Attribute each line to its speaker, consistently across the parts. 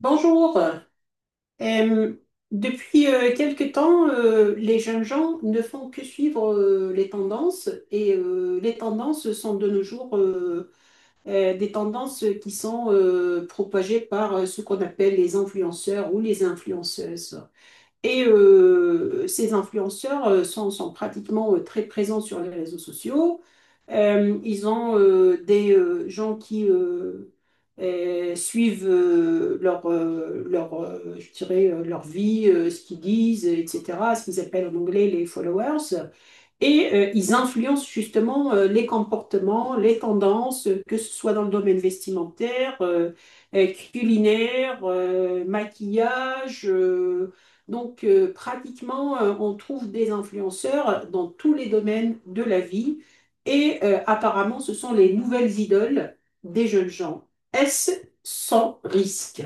Speaker 1: Bonjour. Euh, Depuis quelque temps, les jeunes gens ne font que suivre les tendances et les tendances sont de nos jours des tendances qui sont propagées par ce qu'on appelle les influenceurs ou les influenceuses. Et ces influenceurs sont pratiquement très présents sur les réseaux sociaux. Ils ont des gens qui suivent je dirais, leur vie, ce qu'ils disent, etc., ce qu'ils appellent en anglais les followers. Et ils influencent justement les comportements, les tendances, que ce soit dans le domaine vestimentaire, euh, culinaire, maquillage. Donc pratiquement, on trouve des influenceurs dans tous les domaines de la vie. Et apparemment, ce sont les nouvelles idoles des jeunes gens. Est-ce sans risque?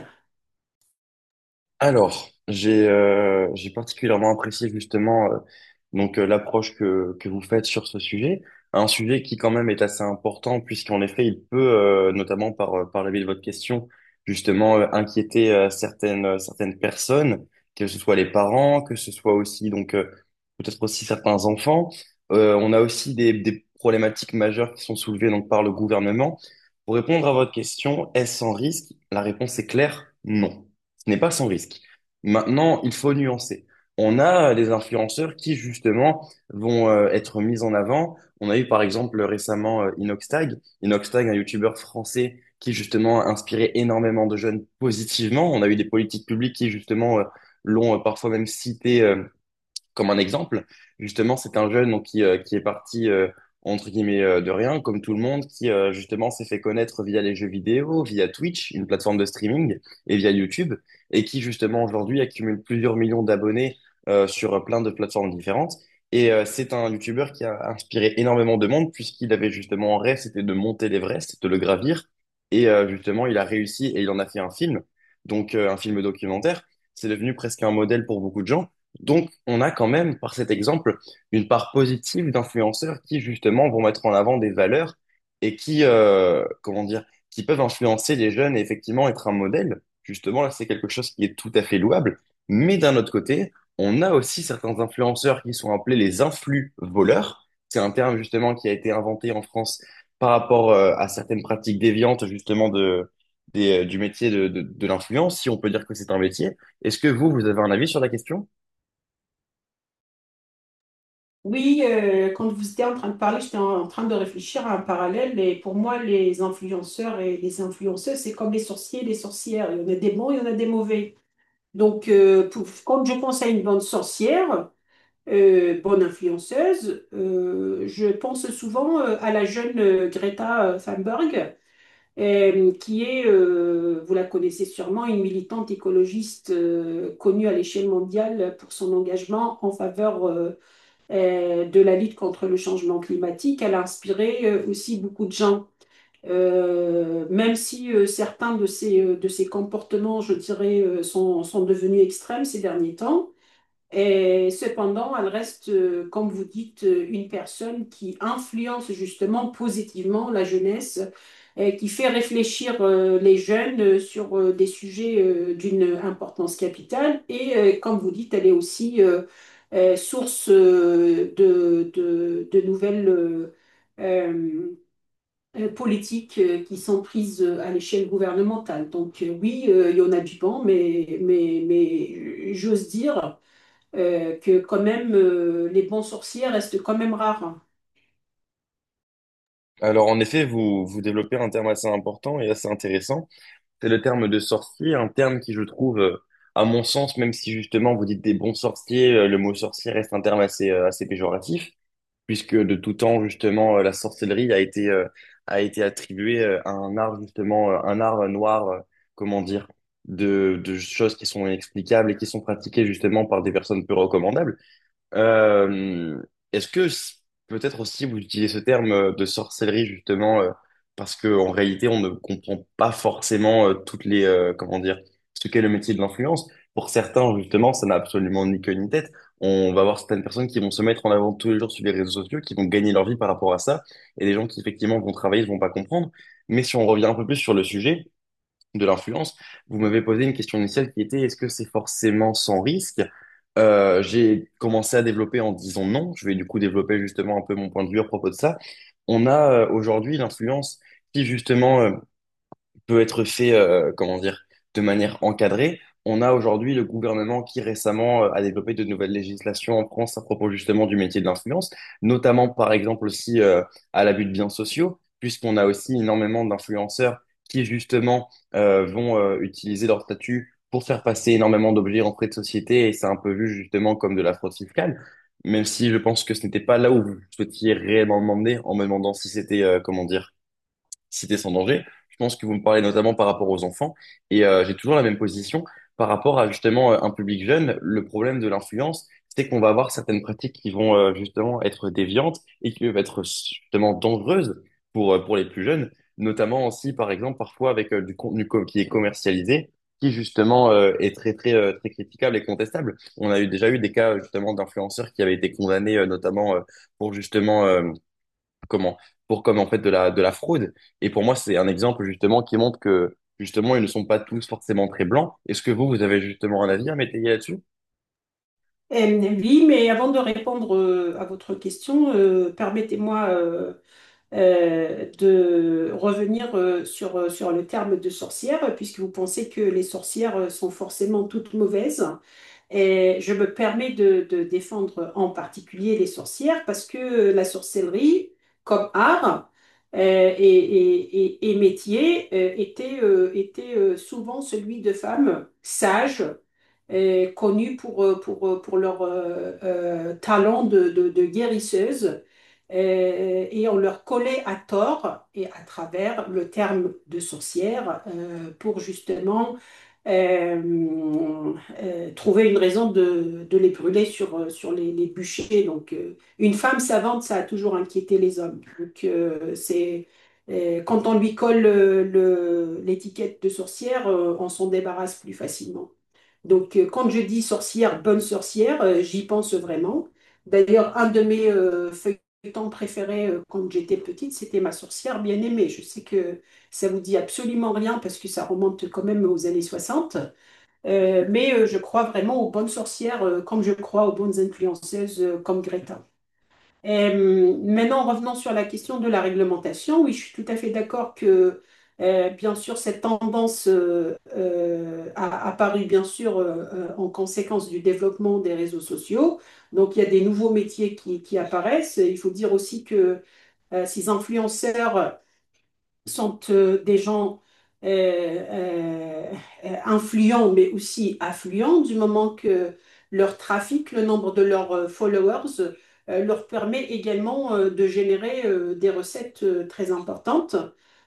Speaker 2: Alors, j'ai particulièrement apprécié justement, l'approche que vous faites sur ce sujet, un sujet qui quand même est assez important puisqu'en effet il peut notamment par la biais de votre question justement, inquiéter certaines personnes, que ce soit les parents, que ce soit aussi, peut-être aussi certains enfants. On a aussi des problématiques majeures qui sont soulevées donc par le gouvernement. Pour répondre à votre question, est-ce sans risque? La réponse est claire, non. Ce n'est pas sans risque. Maintenant, il faut nuancer. On a des influenceurs qui, justement, vont être mis en avant. On a eu, par exemple, récemment, Inoxtag. Inoxtag, un youtubeur français qui, justement, a inspiré énormément de jeunes positivement. On a eu des politiques publiques qui, justement, l'ont parfois même cité comme un exemple, justement, c'est un jeune donc, qui est parti, entre guillemets, de rien, comme tout le monde, justement, s'est fait connaître via les jeux vidéo, via Twitch, une plateforme de streaming, et via YouTube, et qui, justement, aujourd'hui, accumule plusieurs millions d'abonnés sur plein de plateformes différentes. C'est un YouTuber qui a inspiré énormément de monde, puisqu'il avait justement en rêve, c'était de monter l'Everest, de le gravir. Justement, il a réussi et il en a fait un film, un film documentaire. C'est devenu presque un modèle pour beaucoup de gens. Donc, on a quand même, par cet exemple, une part positive d'influenceurs qui, justement, vont mettre en avant des valeurs et qui, comment dire, qui peuvent influencer les jeunes et effectivement être un modèle. Justement, là, c'est quelque chose qui est tout à fait louable. Mais d'un autre côté, on a aussi certains influenceurs qui sont appelés les influx voleurs. C'est un terme, justement, qui a été inventé en France par rapport, à certaines pratiques déviantes, justement, de, du métier de, de l'influence, si on peut dire que c'est un métier. Est-ce que vous avez un avis sur la question?
Speaker 1: Oui, quand vous étiez en train de parler, j'étais en train de réfléchir à un parallèle. Et pour moi, les influenceurs et les influenceuses, c'est comme les sorciers et les sorcières. Il y en a des bons, il y en a des mauvais. Donc, quand je pense à une bonne sorcière, bonne influenceuse. Je pense souvent à la jeune Greta Thunberg, qui est, vous la connaissez sûrement, une militante écologiste connue à l'échelle mondiale pour son engagement en faveur de la lutte contre le changement climatique. Elle a inspiré aussi beaucoup de gens. Même si certains de de ses comportements, je dirais, sont devenus extrêmes ces derniers temps, et cependant, elle reste, comme vous dites, une personne qui influence justement positivement la jeunesse, et qui fait réfléchir les jeunes sur des sujets d'une importance capitale. Et comme vous dites, elle est aussi source de nouvelles euh, politiques qui sont prises à l'échelle gouvernementale. Donc oui, il y en a du bon, mais j'ose dire que quand même les bons sorciers restent quand même rares.
Speaker 2: Alors en effet, vous développez un terme assez important et assez intéressant. C'est le terme de sorcier, un terme qui je trouve, à mon sens, même si justement vous dites des bons sorciers, le mot sorcier reste un terme assez péjoratif, puisque de tout temps justement, la sorcellerie a a été attribuée à un art justement, un art noir, comment dire, de choses qui sont inexplicables et qui sont pratiquées justement par des personnes peu recommandables. Euh, est-ce que c- Peut-être aussi vous utilisez ce terme de sorcellerie justement, parce que en réalité on ne comprend pas forcément toutes les comment dire ce qu'est le métier de l'influence. Pour certains justement ça n'a absolument ni queue ni tête. On va voir certaines personnes qui vont se mettre en avant tous les jours sur les réseaux sociaux, qui vont gagner leur vie par rapport à ça, et des gens qui effectivement vont travailler ne vont pas comprendre. Mais si on revient un peu plus sur le sujet, de l'influence, vous m'avez posé une question initiale qui était est-ce que c'est forcément sans risque? J'ai commencé à développer en disant non. Je vais du coup développer justement un peu mon point de vue à propos de ça. On a aujourd'hui l'influence qui justement peut être fait, comment dire, de manière encadrée. On a aujourd'hui le gouvernement qui récemment a développé de nouvelles législations en France à propos justement du métier de l'influence, notamment par exemple aussi, à l'abus de biens sociaux, puisqu'on a aussi énormément d'influenceurs qui justement vont utiliser leur statut pour faire passer énormément d'objets en frais de société et c'est un peu vu justement comme de la fraude fiscale, même si je pense que ce n'était pas là où vous souhaitiez réellement demander en me demandant si c'était, comment dire, cité sans danger. Je pense que vous me parlez notamment par rapport aux enfants. J'ai toujours la même position par rapport à justement, un public jeune. Le problème de l'influence, c'est qu'on va avoir certaines pratiques qui vont, justement être déviantes et qui peuvent être justement dangereuses pour les plus jeunes, notamment aussi par exemple parfois avec qui est commercialisé, qui justement est très très critiquable et contestable. On a eu déjà eu des cas justement d'influenceurs qui avaient été condamnés notamment pour justement, comment pour comme en fait de la fraude et pour moi c'est un exemple justement qui montre que justement ils ne sont pas tous forcément très blancs, est-ce que vous avez justement un avis à m'étayer là-dessus?
Speaker 1: Oui, mais avant de répondre à votre question, permettez-moi de revenir sur le terme de sorcière, puisque vous pensez que les sorcières sont forcément toutes mauvaises. Et je me permets de défendre en particulier les sorcières parce que la sorcellerie, comme art et métier, était souvent celui de femmes sages, connues pour leur talent de guérisseuse. Et on leur collait à tort et à travers le terme de sorcière pour justement euh, trouver une raison de les brûler sur les bûchers. Donc, une femme savante, ça a toujours inquiété les hommes. Donc, quand on lui colle l'étiquette de sorcière, on s'en débarrasse plus facilement. Donc, quand je dis sorcière, bonne sorcière, j'y pense vraiment. D'ailleurs, un de mes feuilletons préférés quand j'étais petite, c'était Ma sorcière bien-aimée. Je sais que ça vous dit absolument rien parce que ça remonte quand même aux années 60. Je crois vraiment aux bonnes sorcières comme je crois aux bonnes influenceuses comme Greta. Maintenant, revenons sur la question de la réglementation. Oui, je suis tout à fait d'accord que, bien sûr, cette tendance a apparu, bien sûr, en conséquence du développement des réseaux sociaux. Donc, il y a des nouveaux métiers qui apparaissent. Il faut dire aussi que ces influenceurs sont des gens euh, euh, influents, mais aussi affluents, du moment que leur trafic, le nombre de leurs followers, leur permet également de générer des recettes très importantes.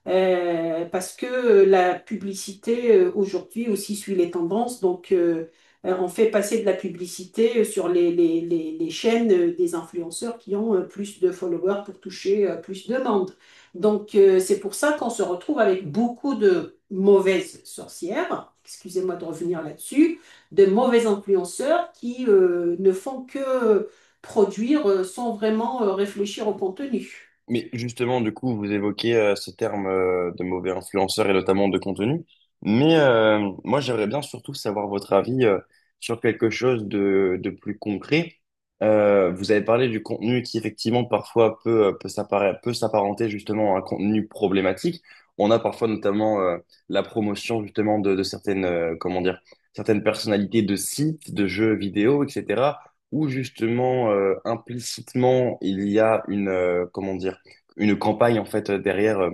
Speaker 1: Parce que la publicité aujourd'hui aussi suit les tendances, donc on fait passer de la publicité sur les chaînes des influenceurs qui ont plus de followers pour toucher plus de monde. Donc, c'est pour ça qu'on se retrouve avec beaucoup de mauvaises sorcières, excusez-moi de revenir là-dessus, de mauvais influenceurs qui ne font que produire sans vraiment réfléchir au contenu.
Speaker 2: Mais justement, du coup, vous évoquez ce terme de mauvais influenceur et notamment de contenu. Mais moi, j'aimerais bien surtout savoir votre avis sur quelque chose de plus concret. Vous avez parlé du contenu qui, effectivement, parfois peut, peut s'apparenter justement à un contenu problématique. On a parfois notamment la promotion justement de certaines, comment dire, certaines personnalités de sites, de jeux vidéo, etc., où justement, implicitement, il y a une, comment dire, une campagne en fait, derrière,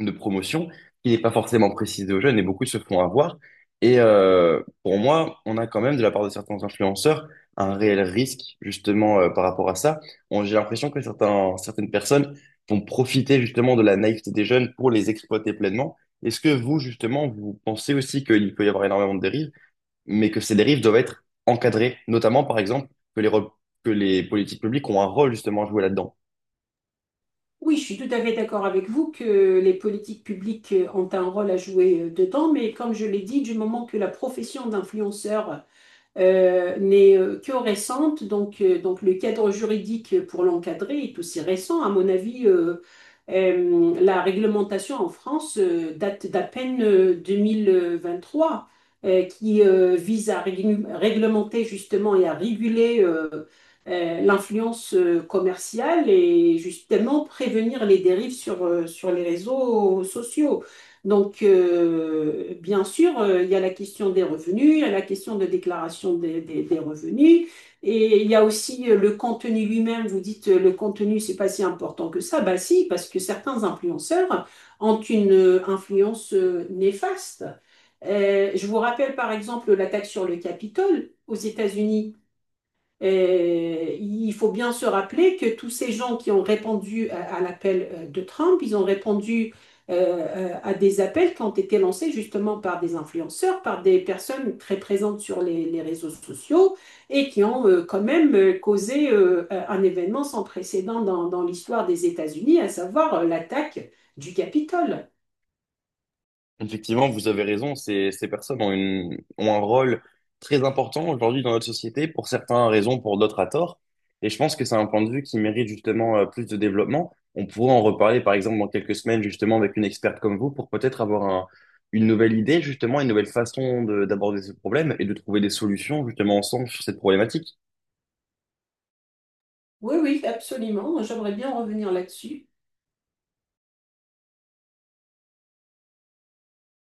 Speaker 2: de promotion qui n'est pas forcément précisée aux jeunes et beaucoup se font avoir. Pour moi, on a quand même de la part de certains influenceurs un réel risque justement, par rapport à ça. J'ai l'impression que certains, certaines personnes vont profiter justement de la naïveté des jeunes pour les exploiter pleinement. Est-ce que vous justement vous pensez aussi qu'il peut y avoir énormément de dérives, mais que ces dérives doivent être encadrées, notamment par exemple que que les politiques publiques ont un rôle justement à jouer là-dedans?
Speaker 1: Oui, je suis tout à fait d'accord avec vous que les politiques publiques ont un rôle à jouer dedans, mais comme je l'ai dit, du moment que la profession d'influenceur n'est que récente, donc le cadre juridique pour l'encadrer est aussi récent. À mon avis, la réglementation en France date d'à peine 2023, qui vise à réglementer justement et à réguler l'influence commerciale et justement prévenir les dérives sur les réseaux sociaux. Donc, bien sûr, il y a la question des revenus, il y a la question de déclaration des revenus, et il y a aussi le contenu lui-même. Vous dites, le contenu, c'est pas si important que ça. Bah si, parce que certains influenceurs ont une influence néfaste. Je vous rappelle par exemple l'attaque sur le Capitole aux États-Unis. Il faut bien se rappeler que tous ces gens qui ont répondu à l'appel de Trump, ils ont répondu euh, à des appels qui ont été lancés justement par des influenceurs, par des personnes très présentes sur les réseaux sociaux et qui ont quand même causé un événement sans précédent dans l'histoire des États-Unis, à savoir l'attaque du Capitole.
Speaker 2: Effectivement, vous avez raison, ces, ces personnes ont, une, ont un rôle très important aujourd'hui dans notre société, pour certains à raison, pour d'autres à tort. Et je pense que c'est un point de vue qui mérite justement plus de développement. On pourrait en reparler par exemple dans quelques semaines justement avec une experte comme vous pour peut-être une nouvelle idée justement, une nouvelle façon d'aborder ce problème et de trouver des solutions justement ensemble sur cette problématique.
Speaker 1: Oui, oui, absolument. J'aimerais bien revenir là-dessus.